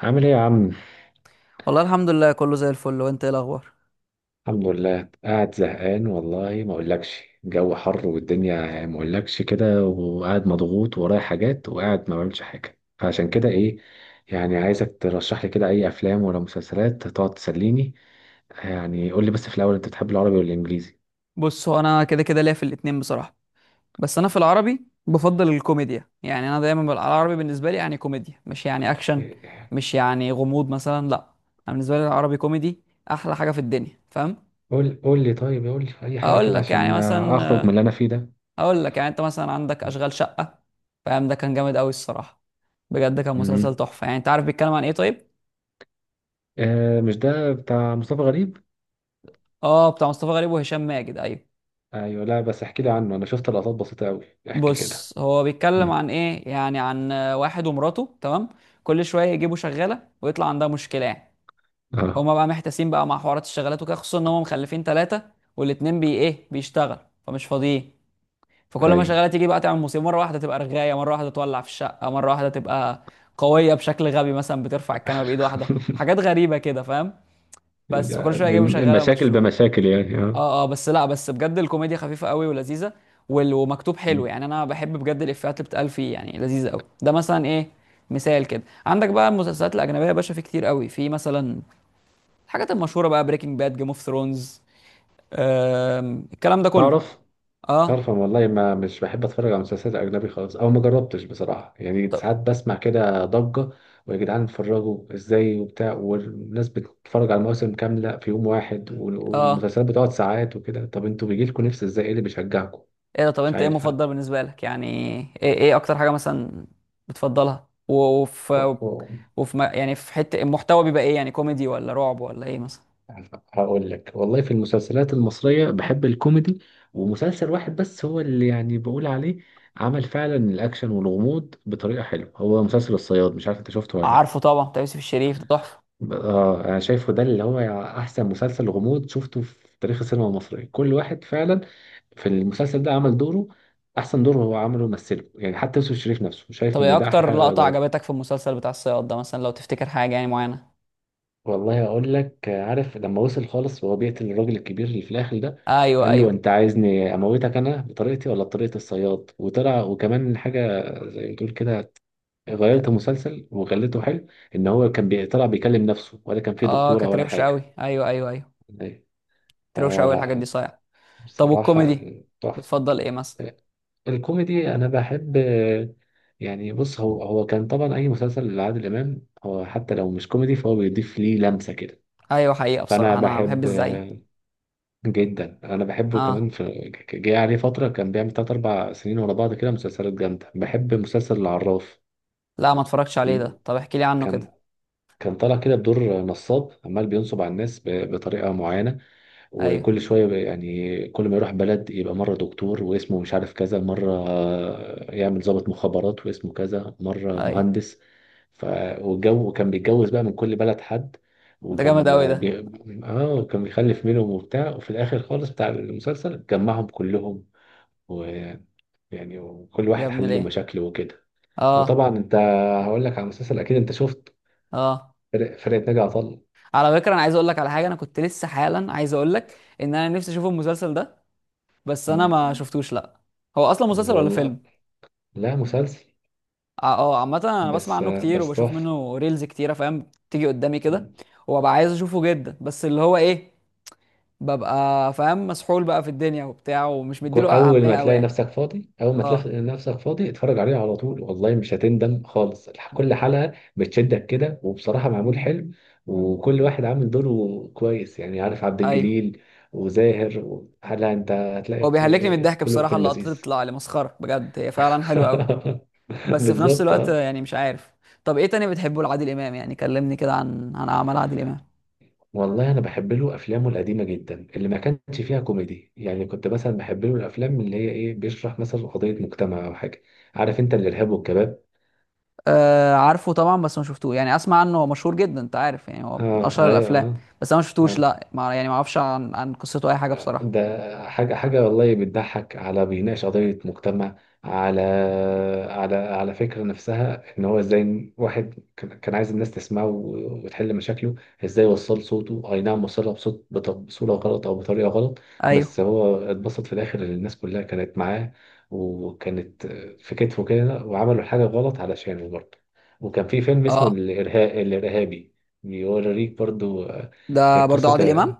عامل ايه يا عم؟ والله الحمد لله كله زي الفل، وانت ايه الاخبار؟ الحمد لله، قاعد زهقان والله، ما اقولكش، الجو حر والدنيا يعني، ما اقولكش كده، وقاعد مضغوط ورايا حاجات، وقاعد ما بعملش حاجه، فعشان كده ايه، يعني عايزك ترشح لي كده اي افلام ولا مسلسلات تقعد تسليني. يعني قول لي بس في الاول، انت بتحب العربي ولا الانجليزي؟ بص، هو انا كده كده ليا في الاتنين بصراحه. بس انا في العربي بفضل الكوميديا. يعني انا دايما العربي بالنسبه لي يعني كوميديا، مش يعني اكشن، مش يعني غموض مثلا، لا. انا بالنسبه لي العربي كوميدي، احلى حاجه في الدنيا، فاهم؟ قول قول لي، طيب قول لي اي حاجه اقول كده لك يعني عشان مثلا، اخرج من اللي انا فيه ده. اقول لك، يعني انت مثلا عندك اشغال شقه، فاهم؟ ده كان جامد قوي الصراحه، بجد كان مسلسل امم تحفه. يعني انت عارف بيتكلم عن ايه طيب؟ آه، مش ده بتاع مصطفى غريب؟ اه، بتاع مصطفى غريب وهشام ماجد، ايوه. ايوه، لا بس احكي لي عنه، انا شفت لقطات بسيطه قوي. احكي كده. بص، هو بيتكلم عن ايه يعني؟ عن واحد ومراته، تمام؟ كل شويه يجيبوا شغاله ويطلع عندها مشكله يعني. اه، هما بقى محتاسين بقى مع حوارات الشغالات وكده، خصوصا ان هما مخلفين ثلاثه، والاتنين بي ايه بيشتغل، فمش فاضيين. فكل ما ايوه. شغاله تيجي بقى تعمل مصيبه، مره واحده تبقى رغايه، مره واحده تولع في الشقه، مره واحده تبقى قويه بشكل غبي مثلا، بترفع الكنبه بايد واحده، حاجات غريبه كده فاهم. بس فكل ده شويه يجيبوا شغاله مشاكل ويمشوا. بمشاكل يعني، اه. اه اه. بس لا، بس بجد الكوميديا خفيفه قوي ولذيذه، ومكتوب حلو. يعني انا بحب بجد الافيهات اللي بتقال فيه، يعني لذيذه قوي. ده مثلا ايه، مثال كده. عندك بقى المسلسلات الاجنبيه يا باشا، في كتير قوي، في مثلا الحاجات المشهوره بقى، بريكنج باد، جيم اوف ثرونز، الكلام ده كله. تعرف تعرف اه. أنا والله ما مش بحب اتفرج على مسلسلات اجنبي خالص، او ما جربتش بصراحه، يعني طب ساعات بسمع كده ضجه، ويا جدعان اتفرجوا ازاي وبتاع، والناس بتتفرج على مواسم كامله في يوم واحد، اه، والمسلسلات بتقعد ساعات وكده، طب انتوا بيجي لكم نفس ازاي؟ ايه اللي بيشجعكم؟ ايه ده؟ طب مش انت ايه عارف. مفضل بالنسبه لك يعني؟ ايه ايه اكتر حاجه مثلا بتفضلها؟ وفي، انا وفي يعني في حته المحتوى بيبقى ايه؟ يعني كوميدي ولا رعب ولا ايه مثلا؟ هقول لك والله، في المسلسلات المصرية بحب الكوميدي، ومسلسل واحد بس هو اللي يعني بقول عليه عمل فعلا الأكشن والغموض بطريقة حلوة، هو مسلسل الصياد، مش عارف أنت شفته ولا لأ. عارفه طبعا، بتاع يوسف الشريف ده تحفه. أنا شايفه ده اللي هو أحسن مسلسل غموض شفته في تاريخ السينما المصرية، كل واحد فعلا في المسلسل ده عمل دوره، أحسن دور هو عمله مثله، يعني حتى يوسف الشريف نفسه شايف طب ايه إن ده أحلى اكتر حاجة لقطة يقدر. عجبتك في المسلسل بتاع الصياد ده مثلا، لو تفتكر حاجة يعني معينة؟ والله اقول لك، عارف لما وصل خالص وهو بيقتل الراجل الكبير اللي في الاخر ده، ايوه، قال له ايوه. انت عايزني اموتك انا بطريقتي ولا بطريقه الصياد؟ وطلع، وكمان حاجه زي ما تقول كده، غيرت ك- المسلسل وخلته حلو، ان هو كان طلع بيكلم نفسه ولا كان فيه اه، دكتوره كانت ولا روشة قوي، حاجه. ايوه ايوه ايوه، كانت روشة آه قوي الحاجات دي، لا، صحيح. طب بصراحه والكوميدي تحفه. بتفضل ايه مثلا؟ الكوميدي انا بحب، يعني بص، هو هو كان طبعا اي مسلسل لعادل امام، هو حتى لو مش كوميدي فهو بيضيف ليه لمسه كده، ايوه، حقيقة فانا بصراحة انا بحب بحب الزعيم. جدا، انا بحبه كمان، اه، في جه عليه فتره كان بيعمل تلات اربع سنين ورا بعض كده مسلسلات جامده. بحب مسلسل العراف، لا، ما اتفرجتش عليه ال- ده. طب احكي لي عنه كده. كان كان طالع كده بدور نصاب عمال بينصب على الناس بطريقه معينه، ايوه يعني كل ما يروح بلد يبقى مرة دكتور واسمه مش عارف كذا، مرة يعمل ضابط مخابرات واسمه كذا، مرة ايوه، مهندس ف... والجو كان بيتجوز بقى من كل بلد حد، ده جامد وكان قوي ده. بي... اه كان بيخلف منهم وبتاع، وفي الآخر خالص بتاع المسلسل جمعهم كلهم، ويعني وكل يا واحد ابن حل له ليه! مشاكله وكده. اه وطبعا انت، هقول لك على مسلسل اكيد انت شفت، اه. فرقة ناجي عطا الله على فكرة انا عايز اقول لك على حاجة، انا كنت لسه حالا عايز اقول لك ان انا نفسي اشوف المسلسل ده، بس انا ما شفتوش لا. هو اصلا اللي مسلسل ولا والله، فيلم؟ لا مسلسل. اه، عامة انا بسمع بس عنه كتير بس وبشوف تحفة. منه ريلز كتيرة، فاهم، تيجي قدامي كده، مم. وببقى عايز اشوفه جدا. بس اللي هو ايه، ببقى فاهم مسحول بقى في الدنيا وبتاع، ومش مديله اهمية قوي يعني. اول ما اه. تلاقي نفسك فاضي، اتفرج عليه على طول، والله مش هتندم خالص. هو- كل حلقة بتشدك كده، وبصراحة معمول حلو، وكل واحد عامل دوره كويس، يعني عارف عبد ايوه، الجليل وزاهر هلا انت هو بيهلكني من هتلاقي الضحك كله بصراحة، كله اللقطات اللي لذيذ. بتطلع لي مسخرة بجد، هي فعلا حلوة قوي. بس في نفس بالظبط، الوقت اه. يعني مش عارف. طب ايه تاني بتحبه لعادل امام يعني؟ كلمني كده عن عن اعمال عادل امام. والله انا بحب له افلامه القديمه جدا اللي ما كانش فيها كوميدي، يعني كنت مثلا بحب له الافلام اللي هي ايه، بيشرح مثلا قضيه مجتمع او حاجه، عارف انت الارهاب والكباب؟ آه، عارفه طبعا، بس ما شفتوه. يعني اسمع عنه، هو مشهور جدا، انت عارف يعني، هو من اه، اشهر ايوه. الافلام، آه. بس انا ما شفتوش آه. لا، ما يعني ما اعرفش عن عن قصته اي حاجه بصراحه. ده حاجة حاجة والله، بتضحك، على بيناقش قضية مجتمع، على على فكرة نفسها، إن هو إزاي واحد كان عايز الناس تسمعه وتحل مشاكله، إزاي وصل صوته. أي نعم، وصلها بصوت بصورة غلط، أو بطريقة غلط، ايوه. بس هو اتبسط في الآخر إن الناس كلها كانت معاه، وكانت في كتفه كده، وعملوا حاجة غلط علشانه برضه. وكان في فيلم اسمه اه، الإرهاب الإرهابي، بيوريك برضه، ده برضو قصة، عادل امام؟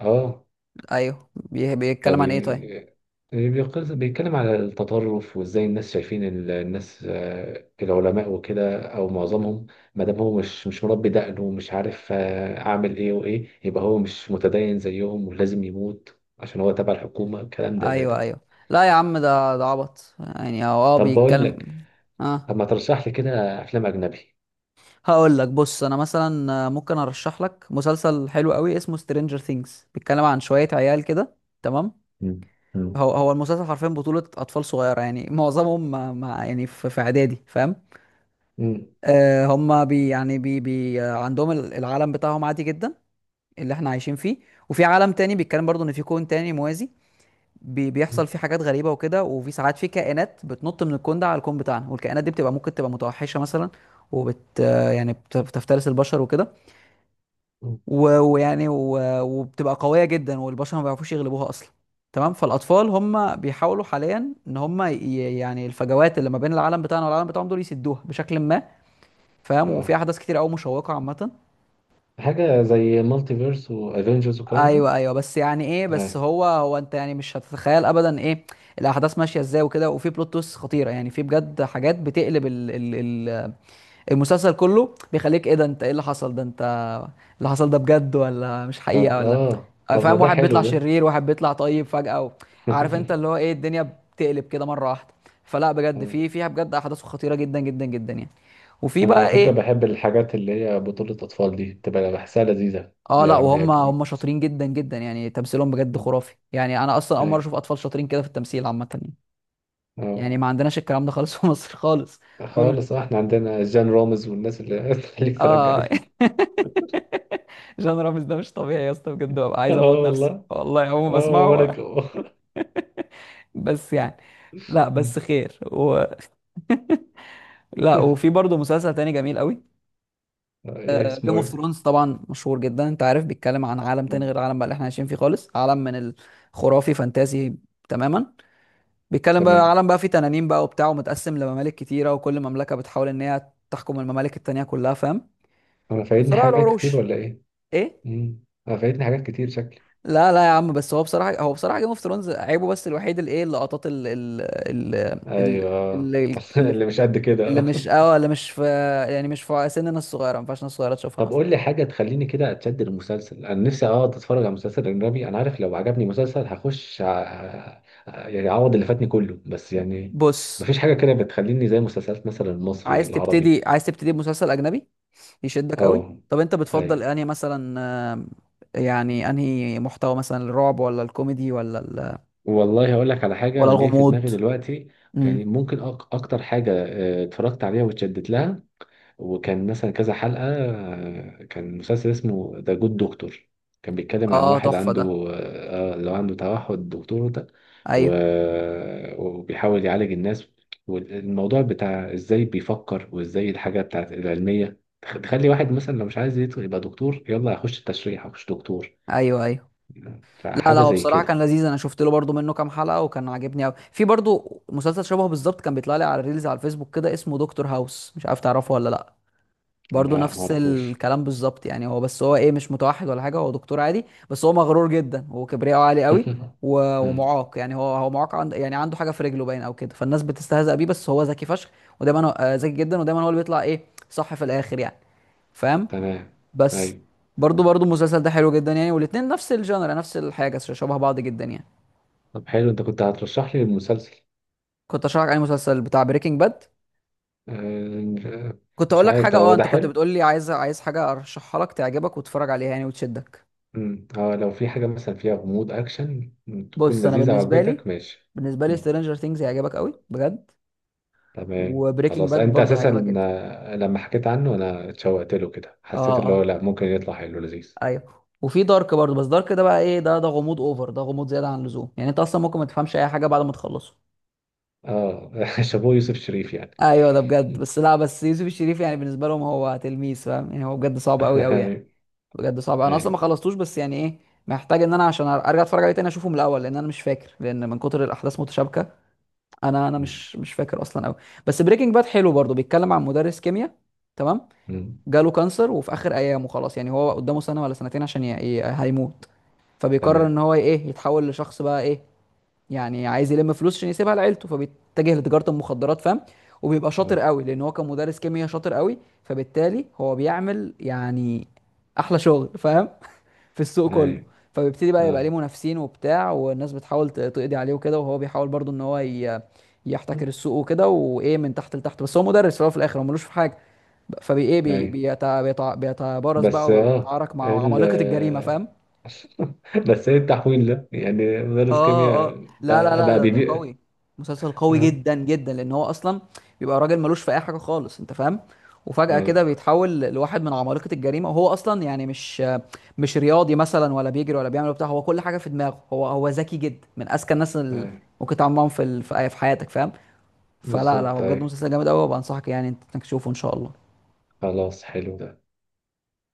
اه. ايوه. بيتكلم عن ايه طيب؟ فبي- بيتكلم على التطرف، وازاي الناس شايفين الناس، العلماء وكده، او معظمهم، ما دام هو مش مربي دقنه، ومش عارف، اعمل ايه وايه، يبقى هو مش متدين زيهم ولازم يموت عشان هو تبع الحكومة، الكلام ده زي ايوه ده. ايوه. لا يا عم، ده ده عبط يعني. هو اه طب بقول لك، بيتكلم. اه، طب ما ترشح لي كده افلام اجنبي. هقول لك. بص انا مثلا ممكن ارشح لك مسلسل حلو قوي اسمه سترينجر ثينجز، بيتكلم عن شويه عيال كده، تمام؟ مم. مم. هو، هو المسلسل حرفيا بطولة أطفال صغيرة، يعني معظمهم يعني في في إعدادي، فاهم؟ مم. هم بي يعني بي بي آه، عندهم العالم بتاعهم عادي جدا، اللي احنا عايشين فيه. وفي عالم تاني، بيتكلم برضو ان في كون تاني موازي، مم. بيحصل فيه حاجات غريبة وكده، وفي ساعات في كائنات بتنط من الكون ده على الكون بتاعنا، والكائنات دي بتبقى ممكن تبقى متوحشة مثلا، وبت آه، يعني بت- بتفترس البشر وكده، مم. وبتبقى قوية جدا، والبشر ما بيعرفوش يغلبوها اصلا. تمام؟ فالاطفال هم بيحاولوا حاليا ان هم يعني الفجوات اللي ما بين العالم بتاعنا والعالم بتاعهم دول يسدوها بشكل ما، فاهم؟ وفي اه، احداث كتير قوي مشوقه عامه. حاجة زي مالتي فيرس وافنجرز والكلام ده. ايوه ايوه. بس يعني ايه، آه. بس هو انت يعني مش هتتخيل ابدا ايه الاحداث ماشيه ازاي وكده، وفي بلوت تويست خطيره، يعني في بجد حاجات بتقلب ال ال ال المسلسل كله، بيخليك ايه ده، انت ايه اللي حصل ده، انت اللي حصل ده بجد ولا مش حقيقه طب ولا؟ اه، طب ما فاهم؟ ده واحد بيطلع حلو ده. شرير، واحد بيطلع طيب فجاه، و... عارف، انت اللي هو ايه الدنيا بتقلب كده مره واحده. فلا بجد، في فيها بجد احداث خطيره جدا جدا جدا يعني. وفي انا على بقى فكره ايه، بحب الحاجات اللي هي بطوله اطفال دي، بتبقى بحسها لذيذه اه، لا، يعني، وهم يعني شاطرين جدا جدا، يعني تمثيلهم بجد خرافي. يعني انا اصلا اول مره أيوة. اشوف اطفال شاطرين كده في التمثيل عامه يعني، اه، يعني ما عندناش الكلام ده خالص في مصر خالص. عمري ما خالص. شفتها. احنا عندنا جان رامز والناس اللي تخليك ترجع اه. دي. جان رامز ده مش طبيعي يا اسطى بجد، ببقى اه عايز اموت نفسي والله، والله اول ما اه وانا بسمعه. بس يعني، لا مم. بس خير و... لا، وفي برضه مسلسل تاني جميل قوي، ايه جيم اسمه؟ اوف ايه؟ ثرونز، طبعا مشهور جدا. انت عارف، بيتكلم عن عالم تاني مم. غير العالم بقى اللي احنا عايشين فيه خالص، عالم من الخرافي، فانتازي تماما. بيتكلم بقى، تمام. العالم بقى فيه تنانين بقى وبتاع، ومتقسم لممالك كتيرة، وكل مملكة بتحاول ان هي تحكم الممالك التانية كلها، فاهم؟ انا فايتني صراع حاجات كتير العروش. ولا ايه؟ ايه؟ مم. انا فايتني حاجات كتير شكلي. لا لا يا عم، بس هو بصراحة، هو بصراحة جيم اوف ثرونز عيبه بس الوحيد اللي ايه، اللقطات ال ايوه، اللي, اللي, اللي مش قد اللي كده. مش اه، اللي مش في، يعني مش في سننا الصغيرة، ما ينفعش الناس الصغيرة تشوفها طب مثلا. قول لي حاجة تخليني كده أتشد المسلسل، أنا نفسي أقعد أتفرج على مسلسل أجنبي، أنا عارف لو عجبني مسلسل هخش يعني أعوض اللي فاتني كله، بس يعني بص، مفيش حاجة كده بتخليني زي مسلسلات مثلا المصري، العربي. عايز تبتدي بمسلسل أجنبي يشدك قوي؟ أه، طب انت بتفضل أيوه. انهي مثلا؟ آم، يعني انهي محتوى مثلا، الرعب ولا الكوميدي ولا والله هقول لك على حاجة ولا أنا جاي في الغموض؟ دماغي دلوقتي، يعني امم، ممكن أكتر حاجة، اتفرجت عليها واتشدت لها، وكان مثلا كذا حلقة، كان مسلسل اسمه ذا جود دكتور، كان بيتكلم عن اه، واحد تحفة عنده ده. اللي هو عنده توحد، دكتور ده، ايوه وبيحاول يعالج الناس، والموضوع بتاع ازاي بيفكر، وازاي الحاجة بتاعت العلمية تخلي واحد مثلا لو مش عايز يدخل يبقى دكتور، يلا هخش التشريح، هخش دكتور، ايوه ايوه. لا لا، فحاجة هو زي بصراحة كان كده. لذيذ، انا شفت له برضو منه كام حلقة وكان عاجبني قوي. في برضو مسلسل شبهه بالظبط، كان بيطلع لي على الريلز على الفيسبوك كده، اسمه دكتور هاوس، مش عارف تعرفه ولا لا. برضو لا نفس معرفوش. الكلام بالظبط يعني. هو بس، هو ايه، مش متوحد ولا حاجة، هو دكتور عادي، بس هو مغرور جدا وكبرياءه عالي قوي، مم، ومعاق. يعني هو، هو معاق، عند يعني عنده حاجة في رجله باين او كده، فالناس بتستهزأ بيه، بس هو ذكي فشخ، ودايما هو ذكي جدا، ودايما هو اللي بيطلع ايه، صح في الاخر يعني، فاهم؟ تمام، بس ايوه. برضو، برضو المسلسل ده حلو جدا يعني، والاتنين نفس الجانرا، نفس الحاجه، شبه بعض جدا يعني. طب حلو، انت كنت هترشح لي المسلسل. كنت اشرح عليه مسلسل بتاع بريكنج باد، آه، كنت مش اقول لك عارف حاجه. اه، هو ده انت كنت حلو. بتقول لي عايز، عايز حاجه ارشحها لك تعجبك وتتفرج عليها يعني وتشدك. مم. اه، لو في حاجة مثلا فيها غموض، أكشن، تكون بص انا لذيذة بالنسبه لي، وعجبتك، ماشي. بالنسبه لي مم. سترينجر ثينجز هيعجبك قوي بجد، تمام وبريكنج خلاص، باد أنت برضو هيعجبك أساسا جدا. آه، لما حكيت عنه أنا اتشوقت له كده، اه. حسيت اللي هو اه. لأ ممكن يطلع حلو لذيذ. ايوه، وفي دارك برضو، بس دارك ده بقى ايه، ده ده غموض اوفر، ده غموض زياده عن اللزوم، يعني انت اصلا ممكن ما تفهمش اي حاجه بعد ما تخلصه. اه، شابوه يوسف شريف يعني. ايوه ده بجد. مم. بس لا بس يوسف الشريف يعني بالنسبه لهم هو تلميذ، فاهم؟ يعني هو بجد صعب قوي قوي يعني، أيوه، بجد صعب. انا اصلا ما أيوه. خلصتوش. بس يعني ايه، محتاج ان انا عشان ارجع اتفرج عليه تاني اشوفه من الاول، لان انا مش فاكر، لان من كتر الاحداث متشابكه، انا انا مم. مش فاكر اصلا قوي. بس بريكنج باد حلو برضه، بيتكلم عن مدرس كيمياء، تمام؟ مم. جاله كانسر، وفي اخر ايامه خلاص، يعني هو قدامه سنه ولا سنتين عشان ي... ي... هيموت. فبيقرر تمام. ان هو ايه، يتحول لشخص بقى ايه، يعني عايز يلم فلوس عشان يسيبها لعيلته، فبيتجه لتجارة المخدرات، فاهم؟ وبيبقى شاطر اه، قوي لان هو كان مدرس كيمياء شاطر قوي، فبالتالي هو بيعمل يعني احلى شغل، فاهم؟ في السوق كله. أيوه. فبيبتدي بقى يبقى ليه اه، منافسين وبتاع، والناس بتحاول تقضي عليه وكده، وهو بيحاول برضو ان هو ي... يحتكر السوق وكده، وايه من تحت لتحت. بس هو مدرس في الأول، وفي الاخر هو ملوش في حاجه، فبي ايه أيوه بيتبارز بس بقى اه، وبيتعارك مع ال عمالقه الجريمه، فاهم؟ بس ايه التحويل ده؟ يعني مدرس اه كيمياء اه. لا لا بقى, لا، بقى ده ده بيبيع. قوي، مسلسل قوي اه، جدا جدا، لان هو اصلا بيبقى راجل ملوش في اي حاجه خالص، انت فاهم؟ وفجاه كده ايوه، بيتحول لواحد من عمالقه الجريمه، وهو اصلا يعني مش، مش رياضي مثلا ولا بيجري ولا بيعمل بتاع، هو كل حاجه في دماغه. هو، هو ذكي جدا، من اذكى الناس اللي ايوه. ممكن تتعامل معاهم في في حياتك، فاهم؟ فلا لا، هو بالظبط، بجد ايوه، مسلسل جامد قوي، وبنصحك يعني انت إنك تشوفه ان شاء الله. خلاص حلو ده.